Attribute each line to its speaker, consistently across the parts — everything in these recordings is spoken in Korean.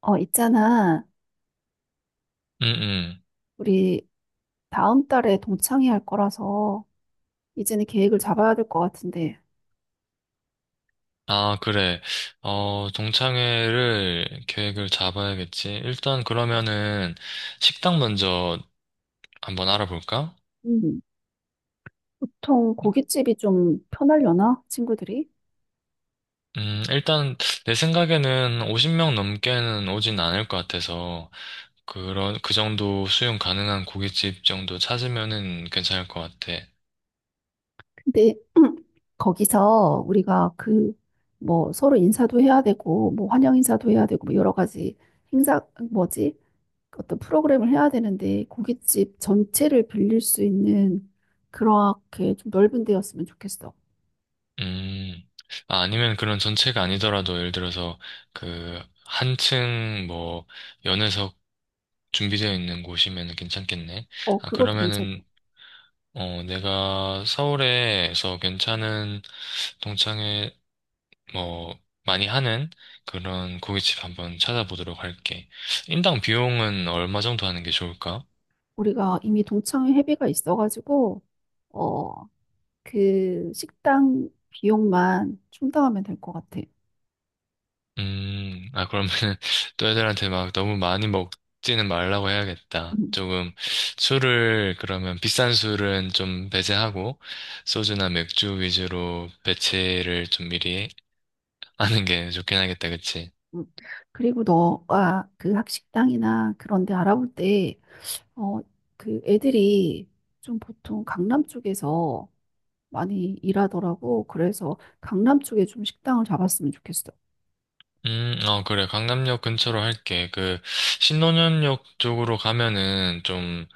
Speaker 1: 있잖아.
Speaker 2: 음, 음.
Speaker 1: 우리 다음 달에 동창회 할 거라서 이제는 계획을 잡아야 될 것 같은데.
Speaker 2: 아, 그래. 동창회를 계획을 잡아야겠지. 일단 그러면은 식당 먼저 한번 알아볼까?
Speaker 1: 음, 보통 고깃집이 좀 편하려나? 친구들이?
Speaker 2: 일단 내 생각에는 50명 넘게는 오진 않을 것 같아서 그런 그 정도 수용 가능한 고깃집 정도 찾으면은 괜찮을 것 같아.
Speaker 1: 근데 거기서 우리가 그 뭐 서로 인사도 해야 되고 뭐 환영 인사도 해야 되고 뭐 여러 가지 행사 뭐지? 어떤 프로그램을 해야 되는데 고깃집 전체를 빌릴 수 있는 그렇게 좀 넓은 데였으면 좋겠어.
Speaker 2: 음. 아, 아니면 그런 전체가 아니더라도 예를 들어서 그 한층 뭐 연회석 준비되어 있는 곳이면 괜찮겠네. 아,
Speaker 1: 그것도 괜찮아.
Speaker 2: 그러면은, 내가 서울에서 괜찮은 동창회, 뭐, 많이 하는 그런 고깃집 한번 찾아보도록 할게. 인당 비용은 얼마 정도 하는 게 좋을까?
Speaker 1: 우리가 이미 동창회 회비가 있어가지고 어, 그 식당 비용만 충당하면 될 것 같아.
Speaker 2: 아, 그러면 또 애들한테 막 너무 많이 먹지는 말라고 해야겠다.
Speaker 1: 음,
Speaker 2: 조금 술을, 그러면 비싼 술은 좀 배제하고, 소주나 맥주 위주로 배치를 좀 미리 하는 게 좋긴 하겠다, 그치?
Speaker 1: 음. 그리고 너가 그 학식당이나 그런 데 알아볼 때, 어, 그 애들이 좀 보통 강남 쪽에서 많이 일하더라고. 그래서 강남 쪽에 좀 식당을 잡았으면 좋겠어.
Speaker 2: 어, 그래. 강남역 근처로 할게. 그, 신논현역 쪽으로 가면은 좀,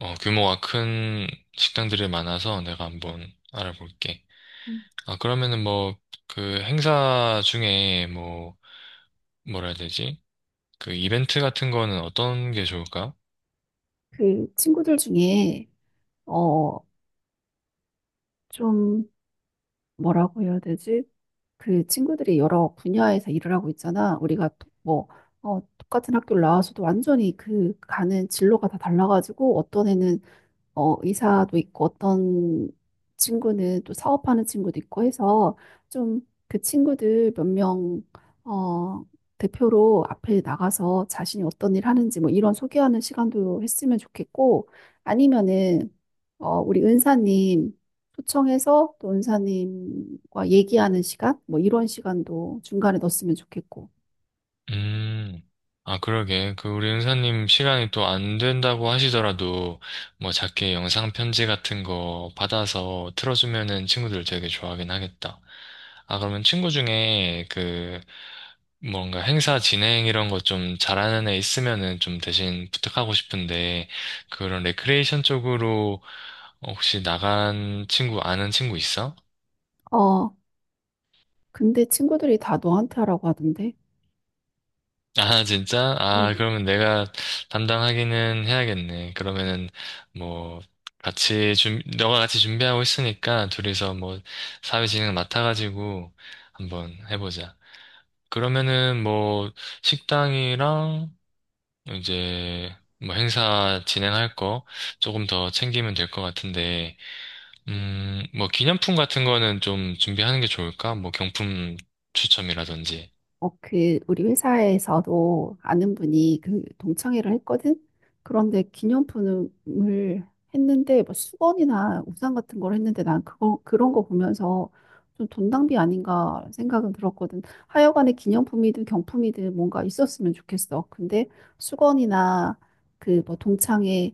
Speaker 2: 규모가 큰 식당들이 많아서 내가 한번 알아볼게.
Speaker 1: 음.
Speaker 2: 아, 그러면은 뭐, 그 행사 중에 뭐, 뭐라 해야 되지? 그 이벤트 같은 거는 어떤 게 좋을까?
Speaker 1: 그 친구들 중에, 어, 좀 뭐라고 해야 되지? 그 친구들이 여러 분야에서 일을 하고 있잖아. 우리가 또 뭐, 똑같은 학교를 나와서도 완전히 그 가는 진로가 다 달라가지고 어떤 애는 의사도 있고 어떤 친구는 또 사업하는 친구도 있고 해서 좀 그 친구들 몇 명, 어, 대표로 앞에 나가서 자신이 어떤 일 하는지 뭐 이런 소개하는 시간도 했으면 좋겠고 아니면은 우리 은사님 초청해서 또 은사님과 얘기하는 시간 뭐 이런 시간도 중간에 넣었으면 좋겠고.
Speaker 2: 음, 아, 그러게. 그, 우리 은사님 시간이 또 안 된다고 하시더라도, 뭐, 작게 영상 편지 같은 거 받아서 틀어주면은 친구들 되게 좋아하긴 하겠다. 아, 그러면 친구 중에 그, 뭔가 행사 진행 이런 거 좀 잘하는 애 있으면은 좀 대신 부탁하고 싶은데, 그런 레크레이션 쪽으로 혹시 나간 친구, 아는 친구 있어?
Speaker 1: 어, 근데 친구들이 다 너한테 하라고 하던데.
Speaker 2: 아, 진짜? 아, 그러면 내가 담당하기는 해야겠네. 그러면은, 뭐, 너가 같이 준비하고 있으니까, 둘이서 뭐, 사회진흥 맡아가지고, 한번 해보자. 그러면은, 뭐, 식당이랑, 이제, 뭐, 행사 진행할 거, 조금 더 챙기면 될 것 같은데, 뭐, 기념품 같은 거는 좀 준비하는 게 좋을까? 뭐, 경품 추첨이라든지.
Speaker 1: 그, 우리 회사에서도 아는 분이 그 동창회를 했거든? 그런데 기념품을 했는데, 뭐 수건이나 우산 같은 걸 했는데 난 그거, 그런 거 보면서 좀 돈 낭비 아닌가 생각은 들었거든. 하여간에 기념품이든 경품이든 뭔가 있었으면 좋겠어. 근데 수건이나 그 뭐 동창회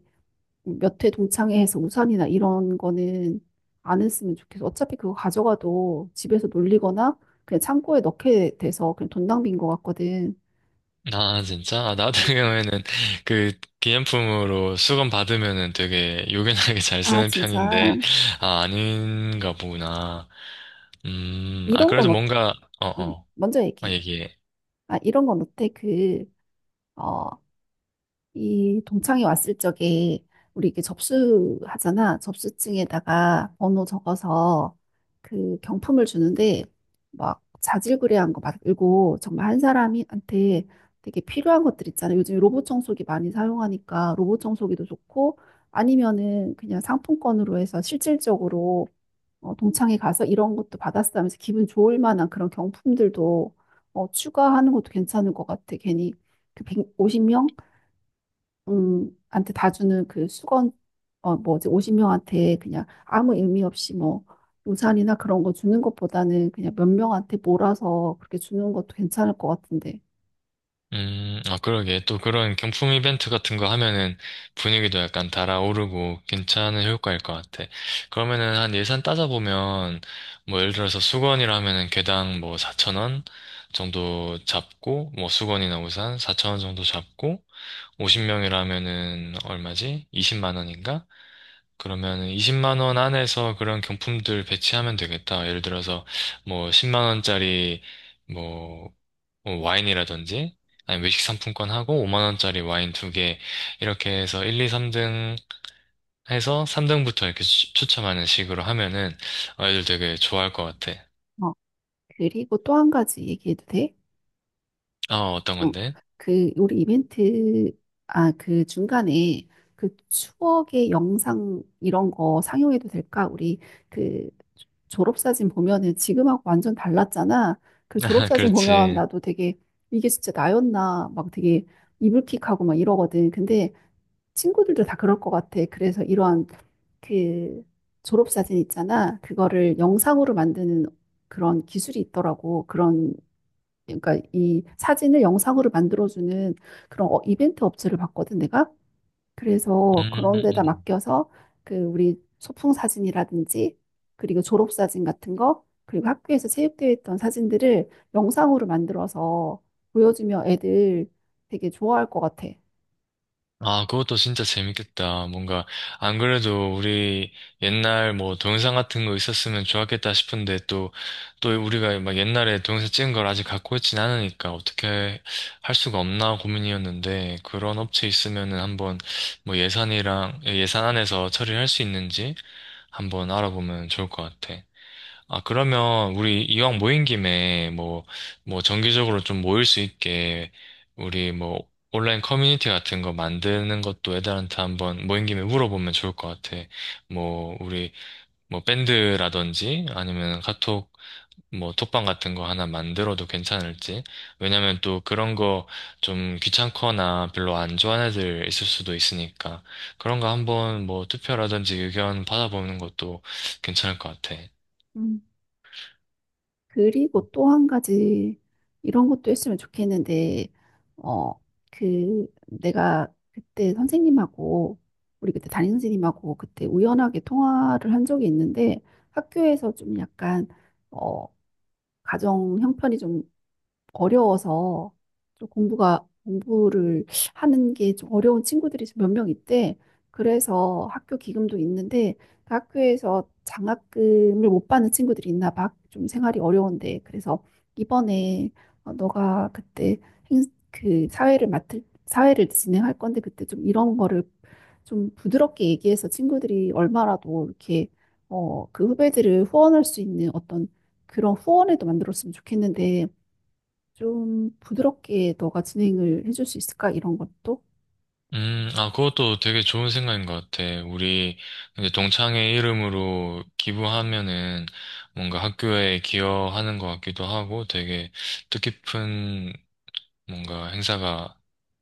Speaker 1: 몇 회 동창회에서 우산이나 이런 거는 안 했으면 좋겠어. 어차피 그거 가져가도 집에서 놀리거나 그냥 창고에 넣게 돼서 그냥 돈 낭비인 것 같거든.
Speaker 2: 아, 진짜? 아, 나
Speaker 1: 음.
Speaker 2: 같은 경우에는 그 기념품으로 수건 받으면은 되게 요긴하게 잘
Speaker 1: 아,
Speaker 2: 쓰는
Speaker 1: 진짜.
Speaker 2: 편인데, 아, 아닌가 보구나. 아,
Speaker 1: 이런 건,
Speaker 2: 그래도 뭔가, 어, 어,
Speaker 1: 먼저
Speaker 2: 아,
Speaker 1: 얘기해.
Speaker 2: 얘기해.
Speaker 1: 아, 이런 건 어때? 그, 어, 이 동창이 왔을 적에 우리 이게 접수하잖아. 접수증에다가 번호 적어서 그 경품을 주는데 막 자질구레한 거 말고 정말 한 사람한테 되게 필요한 것들 있잖아. 요즘 로봇 청소기 많이 사용하니까 로봇 청소기도 좋고 아니면은 그냥 상품권으로 해서 실질적으로 동창회 가서 이런 것도 받았어 하면서 기분 좋을 만한 그런 경품들도 추가하는 것도 괜찮을 것 같아. 괜히 그 150명? 한테 다 주는 그 수건, 뭐지, 50명한테 그냥 아무 의미 없이 뭐, 우산이나 그런 거 주는 것보다는 그냥 몇 명한테 몰아서 그렇게 주는 것도 괜찮을 것 같은데.
Speaker 2: 아, 그러게. 또 그런 경품 이벤트 같은 거 하면은 분위기도 약간 달아오르고 괜찮은 효과일 것 같아. 그러면은 한 예산 따져보면, 뭐 예를 들어서 수건이라면은 개당 뭐4천원 정도 잡고, 뭐 수건이나 우산 4천원 정도 잡고, 50명이라면은 얼마지? 20만 원인가? 그러면은 20만 원 안에서 그런 경품들 배치하면 되겠다. 예를 들어서 뭐 10만 원짜리 뭐 와인이라든지 아니 외식 상품권 하고 5만 원짜리 와인 두 개 이렇게 해서 1, 2, 3등 해서 3등부터 이렇게 추첨하는 식으로 하면은 아이들 되게 좋아할 것 같아.
Speaker 1: 어, 그리고 또 한 가지 얘기해도 돼?
Speaker 2: 어, 어떤
Speaker 1: 어,
Speaker 2: 건데?
Speaker 1: 그 우리 이벤트 아 그 중간에 그 추억의 영상 이런 거 상영해도 될까? 우리 그 졸업사진 보면은 지금하고 완전 달랐잖아. 그
Speaker 2: 아,
Speaker 1: 졸업사진 보면
Speaker 2: 그렇지.
Speaker 1: 나도 되게 이게 진짜 나였나 막 되게 이불킥하고 막 이러거든. 근데 친구들도 다 그럴 것 같아. 그래서 이러한 그 졸업사진 있잖아. 그거를 영상으로 만드는 그런 기술이 있더라고. 그런 그러니까 이 사진을 영상으로 만들어주는 그런 이벤트 업체를 봤거든, 내가.
Speaker 2: 음.
Speaker 1: 그래서
Speaker 2: 음.
Speaker 1: 그런 데다
Speaker 2: 음.
Speaker 1: 맡겨서 그 우리 소풍 사진이라든지 그리고 졸업 사진 같은 거 그리고 학교에서 체육대회 했던 사진들을 영상으로 만들어서 보여주면 애들 되게 좋아할 것 같아.
Speaker 2: 아, 그것도 진짜 재밌겠다. 뭔가, 안 그래도 우리 옛날 뭐 동영상 같은 거 있었으면 좋았겠다 싶은데 또 우리가 막 옛날에 동영상 찍은 걸 아직 갖고 있진 않으니까 어떻게 할 수가 없나 고민이었는데 그런 업체 있으면은 한번 뭐 예산 안에서 처리할 수 있는지 한번 알아보면 좋을 것 같아. 아, 그러면 우리 이왕 모인 김에 뭐 정기적으로 좀 모일 수 있게 우리 뭐 온라인 커뮤니티 같은 거 만드는 것도 애들한테 한번 모인 김에 물어보면 좋을 것 같아. 뭐 우리 뭐 밴드라든지 아니면 카톡 뭐 톡방 같은 거 하나 만들어도 괜찮을지. 왜냐면 또 그런 거 좀 귀찮거나 별로 안 좋아하는 애들 있을 수도 있으니까 그런 거 한번 뭐 투표라든지 의견 받아보는 것도 괜찮을 것 같아.
Speaker 1: 음. 그리고 또 한 가지 이런 것도 했으면 좋겠는데, 어, 그 내가 그때 선생님하고 우리 그때 담임 선생님하고 그때 우연하게 통화를 한 적이 있는데 학교에서 좀 약간 어, 가정 형편이 좀 어려워서 좀 공부가 공부를 하는 게 좀 어려운 친구들이 몇 명 있대. 그래서 학교 기금도 있는데 그 학교에서 장학금을 못 받는 친구들이 있나 봐. 좀 생활이 어려운데. 그래서 이번에 너가 그때 행, 그 사회를 진행할 건데 그때 좀 이런 거를 좀 부드럽게 얘기해서 친구들이 얼마라도 이렇게 그 후배들을 후원할 수 있는 어떤 그런 후원에도 만들었으면 좋겠는데 좀 부드럽게 너가 진행을 해줄 수 있을까? 이런 것도.
Speaker 2: 아, 그것도 되게 좋은 생각인 것 같아. 우리 이제 동창회 이름으로 기부하면은 뭔가 학교에 기여하는 것 같기도 하고 되게 뜻깊은 뭔가 행사가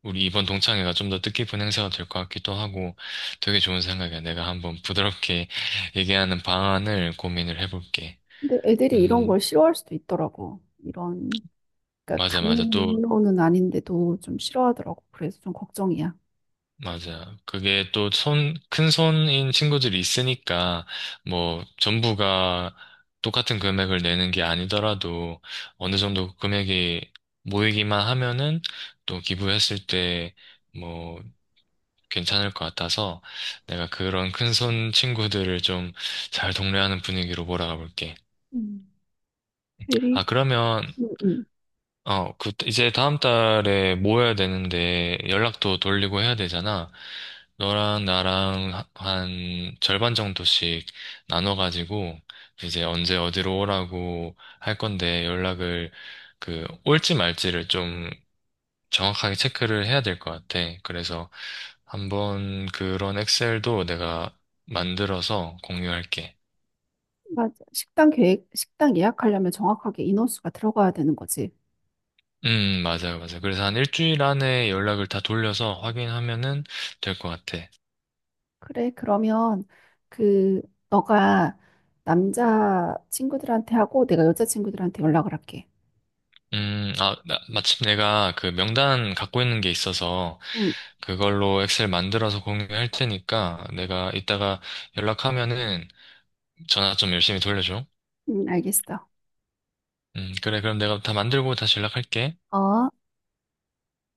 Speaker 2: 우리 이번 동창회가 좀 더 뜻깊은 행사가 될 것 같기도 하고 되게 좋은 생각이야. 내가 한번 부드럽게 얘기하는 방안을 고민을 해볼게.
Speaker 1: 근데 애들이 이런
Speaker 2: 음,
Speaker 1: 걸 싫어할 수도 있더라고. 이런, 그러니까
Speaker 2: 맞아, 맞아. 또.
Speaker 1: 강요는 아닌데도 좀 싫어하더라고. 그래서 좀 걱정이야.
Speaker 2: 맞아. 그게 또 큰 손인 친구들이 있으니까, 뭐, 전부가 똑같은 금액을 내는 게 아니더라도, 어느 정도 금액이 모이기만 하면은, 또 기부했을 때, 뭐, 괜찮을 것 같아서, 내가 그런 큰손 친구들을 좀 잘 동래하는 분위기로 몰아가 볼게.
Speaker 1: 음.
Speaker 2: 아,
Speaker 1: 그리고,
Speaker 2: 그러면,
Speaker 1: 음, 음.
Speaker 2: 이제 다음 달에 모여야 되는데 연락도 돌리고 해야 되잖아. 너랑 나랑 한 절반 정도씩 나눠가지고 이제 언제 어디로 오라고 할 건데 연락을 그 올지 말지를 좀 정확하게 체크를 해야 될 것 같아. 그래서 한번 그런 엑셀도 내가 만들어서 공유할게.
Speaker 1: 맞아. 식당 계획, 식당 예약하려면 정확하게 인원수가 들어가야 되는 거지.
Speaker 2: 맞아요, 맞아요. 그래서 한 일주일 안에 연락을 다 돌려서 확인하면은 될 것 같아.
Speaker 1: 그래, 그러면 그, 너가 남자 친구들한테 하고 내가 여자 친구들한테 연락을 할게.
Speaker 2: 아, 마침 내가 그 명단 갖고 있는 게 있어서
Speaker 1: 응,
Speaker 2: 그걸로 엑셀 만들어서 공유할 테니까 내가 이따가 연락하면은 전화 좀 열심히 돌려줘.
Speaker 1: 응, 알겠어.
Speaker 2: 그래, 그럼 내가 다 만들고 다시 연락할게.
Speaker 1: 어.